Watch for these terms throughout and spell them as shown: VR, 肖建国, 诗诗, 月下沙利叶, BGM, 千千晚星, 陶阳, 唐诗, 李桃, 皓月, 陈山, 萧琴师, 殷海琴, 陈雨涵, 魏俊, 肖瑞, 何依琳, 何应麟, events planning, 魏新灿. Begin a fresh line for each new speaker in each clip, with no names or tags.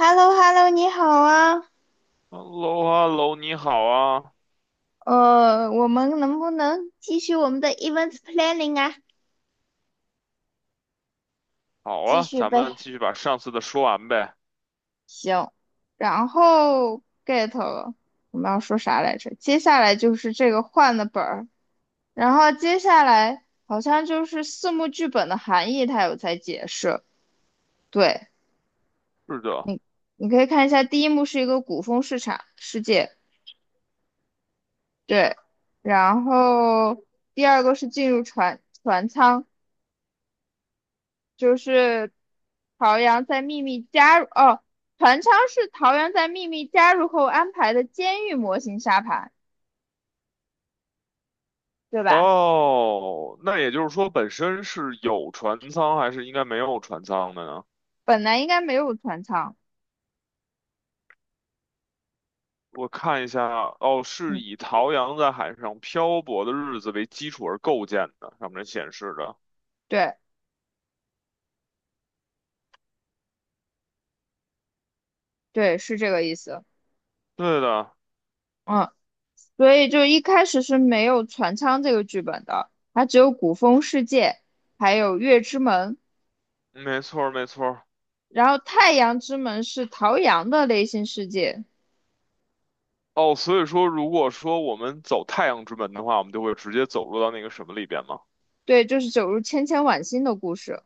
h e l l o h e l l o 你好啊，
Hello,Hello,你好啊，
我们能不能继续我们的 events planning 啊？
好
继
啊，
续
咱们
呗，
继续把上次的说完呗。
行。然后 get 了，我们要说啥来着？接下来就是这个换的本儿，然后接下来好像就是四幕剧本的含义，它有在解释。对
是的，
你，你可以看一下，第一幕是一个古风市场世界，对，然后第二个是进入船舱。就是陶阳在秘密加入哦，船舱是陶阳在秘密加入后安排的监狱模型沙盘，对吧？
哦，那也就是说，本身是有船舱还是应该没有船舱的呢？
本来应该没有船舱，
我看一下，哦，是
嗯，
以陶阳在海上漂泊的日子为基础而构建的，上面显示的。
对对，是这个意思，
对的，
嗯，所以就一开始是没有船舱这个剧本的，它只有古风世界，还有月之门，
没错儿，没错儿。
然后太阳之门是陶阳的内心世界，
哦，所以说，如果说我们走太阳之门的话，我们就会直接走入到那个什么里边嘛。
对，就是走入千千晚星的故事，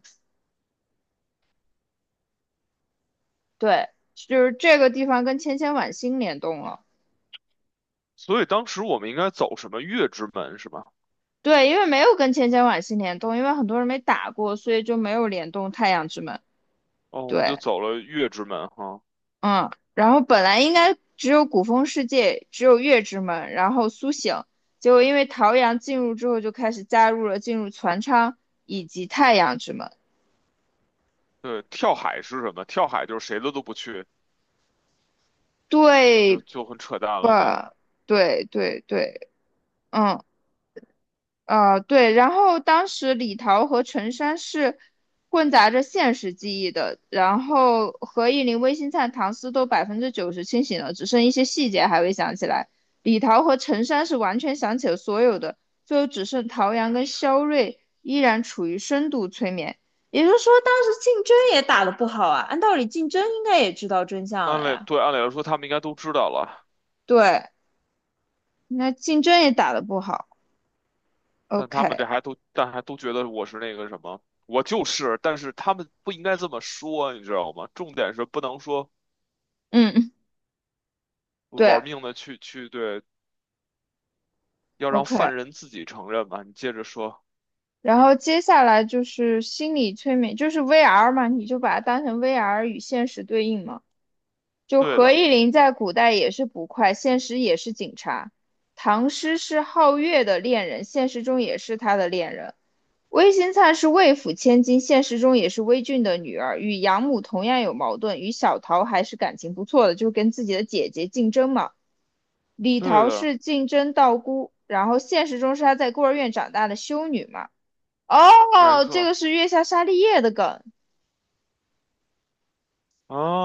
对，就是这个地方跟千千晚星联动了。
所以当时我们应该走什么月之门是吧？
对，因为没有跟千千晚星联动，因为很多人没打过，所以就没有联动太阳之门。
哦，我们就
对，
走了月之门哈。
嗯，然后本来应该只有古风世界，只有月之门，然后苏醒，结果因为桃阳进入之后，就开始加入了进入船舱以及太阳之门，
对，跳海是什么？跳海就是谁的都不去，啊，就
对
就很扯淡了呢。
吧？对对对，嗯，对，然后当时李桃和陈山是混杂着现实记忆的，然后何以林、魏新灿、唐斯都90%清醒了，只剩一些细节还未想起来。李桃和陈山是完全想起了所有的，最后只剩陶阳跟肖瑞依然处于深度催眠。也就是说，当时竞争也打得不好啊。按道理，竞争应该也知道真相
按
了
理
呀。
对，按理来说他们应该都知道了，
对，那竞争也打得不好。
但他们这
OK，
还都但还都觉得我是那个什么，我就是，但是他们不应该这么说，你知道吗？重点是不能说
嗯，对
玩命的去对，要让
，OK。
犯人自己承认吧。你接着说，
然后接下来就是心理催眠，就是 VR 嘛，你就把它当成 VR 与现实对应嘛。就
对
何
的，
依琳在古代也是捕快，现实也是警察；唐诗是皓月的恋人，现实中也是他的恋人；魏新灿是魏府千金，现实中也是魏俊的女儿，与养母同样有矛盾，与小桃还是感情不错的，就跟自己的姐姐竞争嘛。李
对
桃
的，
是竞争道姑，然后现实中是她在孤儿院长大的修女嘛。
没
哦，这个
错，
是月下沙利叶的梗，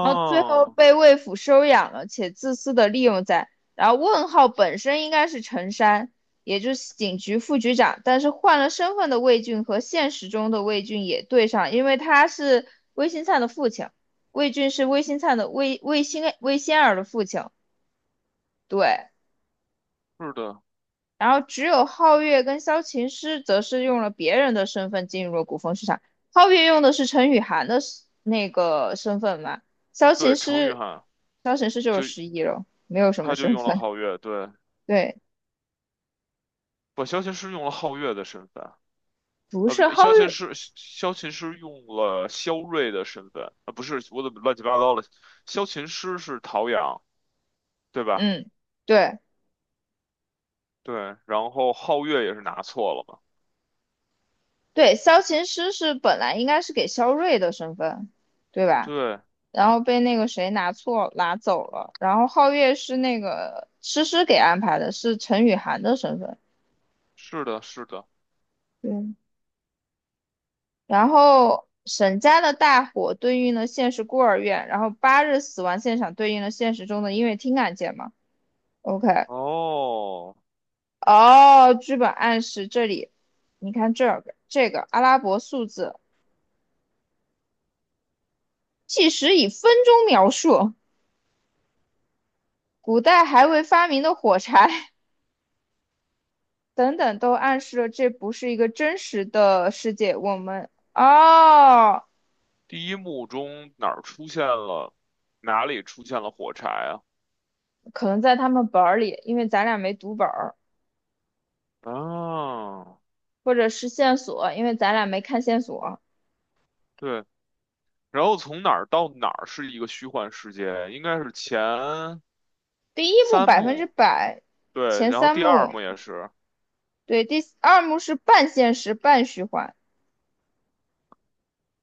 然后最后被魏府收养了，且自私的利用在。然后问号本身应该是陈山，也就是警局副局长，但是换了身份的魏俊和现实中的魏俊也对上，因为他是魏新灿的父亲，魏俊是魏新灿的魏仙儿的父亲，对。
是的，
然后只有皓月跟萧琴师则是用了别人的身份进入了古风市场。皓月用的是陈雨涵的那个身份嘛，萧
对，
琴
程昱
师，
汉
萧琴师就是
就
失忆了，没有什么
他就
身
用了
份。
皓月，对，
对，
不，萧琴师用了皓月的身份，
不
啊！
是
不，萧
皓
琴
月，
师用了萧睿的身份，啊，不是，我怎么乱七八糟了？萧琴师是陶阳，对吧？
嗯，对
对，然后皓月也是拿错了嘛？
对，萧琴师是本来应该是给萧睿的身份，对吧？
对，
然后被那个谁拿错拿走了，然后皓月是那个诗诗给安排的，是陈雨涵的身份。
是的，是的。
对，然后沈家的大火对应了现实孤儿院，然后八日死亡现场对应了现实中的音乐厅案件嘛？OK，
哦，
哦，剧本暗示这里，你看这个阿拉伯数字计时以分钟描述，古代还未发明的火柴 等等，都暗示了这不是一个真实的世界。我们哦，
第一幕中哪儿出现了，哪里出现了火柴啊？
可能在他们本儿里，因为咱俩没读本儿，
啊，
或者是线索，因为咱俩没看线索。
对，然后从哪儿到哪儿是一个虚幻世界，应该是前
第一幕
三
百分之
幕，
百，
对，
前
然后
三
第二
幕，
幕也是。
对，第二幕是半现实半虚幻，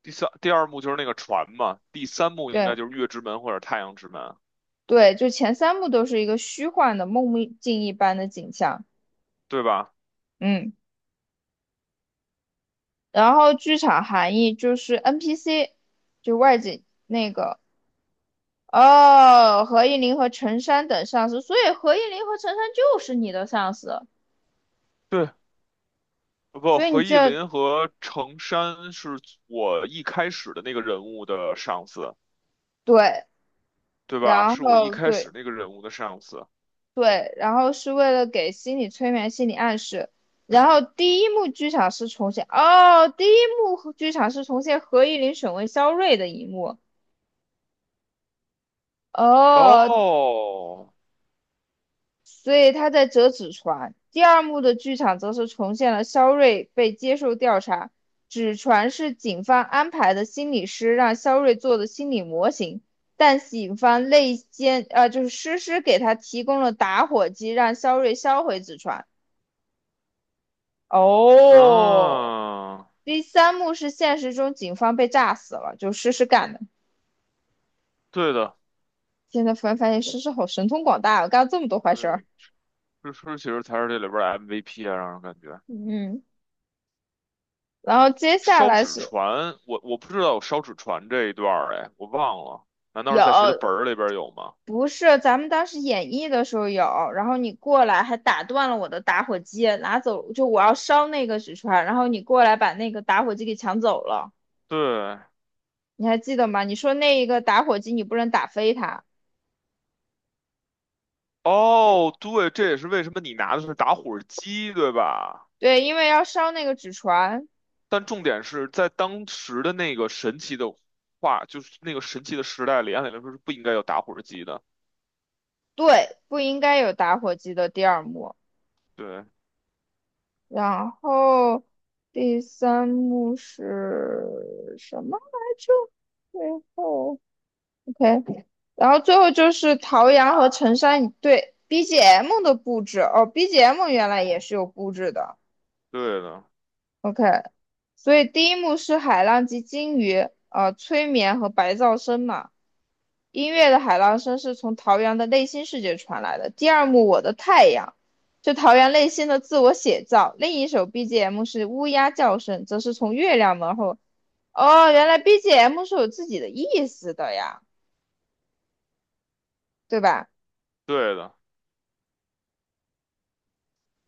第二幕就是那个船嘛，第三幕应该
对
就是月之门或者太阳之门，
对，就前三幕都是一个虚幻的梦寐境一般的景象，
对吧？
嗯，然后剧场含义就是 NPC，就外景那个，哦，何应麟和陈山等上司，所以何应麟和陈山就是你的上司，
对，不，
所以你
何意
这
林和程山是我一开始的那个人物的上司，
对，
对吧？
然
是我一
后
开始
对。
那个人物的上司。
对，然后是为了给心理催眠、心理暗示。然后第一幕剧场是重现，哦，第一幕和剧场是重现何依琳审问肖瑞的一幕，哦，
哦，
所以他在折纸船。第二幕的剧场则是重现了肖瑞被接受调查，纸船是警方安排的心理师让肖瑞做的心理模型，但警方内奸，就是诗诗给他提供了打火机，让肖瑞销毁纸船。哦，
那、
第三幕是现实中警方被炸死了，就诗诗干的。
对的，
现在突然发现诗诗好神通广大，我干了这么多坏事
对，
儿。
其实才是这里边儿的 MVP 啊，让人感觉
嗯，然后接下
烧
来
纸
是
船，我不知道有烧纸船这一段儿，哎，我忘了，难道是
有，
在谁的本儿里边儿有吗？
不是咱们当时演绎的时候有，然后你过来还打断了我的打火机，拿走就我要烧那个纸船，然后你过来把那个打火机给抢走了，
对，
你还记得吗？你说那一个打火机你不能打飞它，
哦，对，这也是为什么你拿的是打火机，对吧？
对，因为要烧那个纸船，
但重点是在当时的那个神奇的话，就是那个神奇的时代里，按理来说是不应该有打火机的。
对，不应该有打火机的第二幕。
对，
然后第三幕是什么来着？最后，OK，然后最后就是陶阳和陈山一对 BGM 的布置哦，BGM 原来也是有布置的
对的，
，OK，所以第一幕是海浪及鲸鱼，催眠和白噪声嘛，音乐的海浪声是从桃园的内心世界传来的。第二幕《我的太阳》是桃园内心的自我写照，另一首 BGM 是乌鸦叫声，则是从月亮门后。哦，原来 BGM 是有自己的意思的呀，对吧？
对的。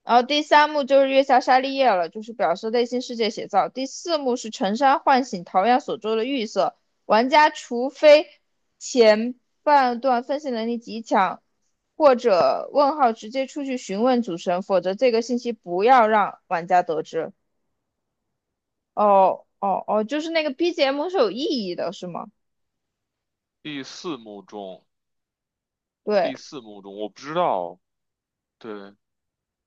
然后第三幕就是月下沙利叶了，就是表示内心世界写照。第四幕是陈山唤醒桃矢所做的预设，玩家除非前半段分析能力极强，或者问号直接出去询问主神，否则这个信息不要让玩家得知。哦哦哦，就是那个 BGM 是有意义的，是吗？
第四幕中，第
对
四幕中，我不知道。对，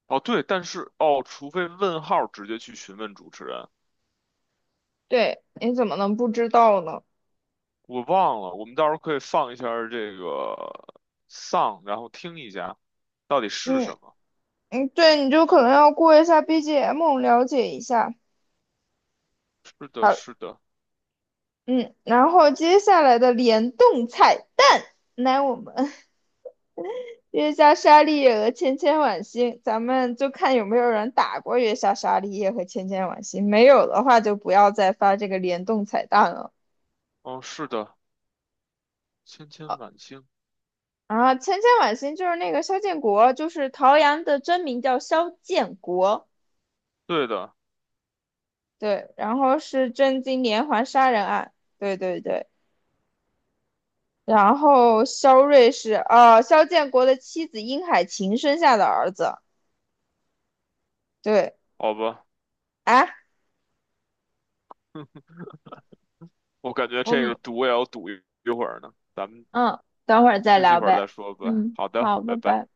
哦，对，但是除非问号直接去询问主持人，
对，你怎么能不知道呢？
我忘了。我们到时候可以放一下儿这个 song，然后听一下到底是什
嗯
么。
嗯，对，你就可能要过一下 BGM 了解一下。
是的，
好，
是的，
嗯，然后接下来的联动彩蛋，来我们 月下沙利叶和千千晚星，咱们就看有没有人打过月下沙利叶和千千晚星，没有的话就不要再发这个联动彩蛋了。
嗯，是的。千千
啊，
晚星，
然后千千晚星就是那个肖建国，就是陶阳的真名叫肖建国，
对的，
对，然后是真金连环杀人案，对对对。然后肖睿是肖建国的妻子殷海琴生下的儿子，对。
好吧，
啊，
我感觉
我
这
们
个赌也要赌一会儿呢，咱们
嗯，等会儿再
休息一
聊
会儿再
呗。
说吧。
嗯，
好的，
好，拜
拜拜。
拜。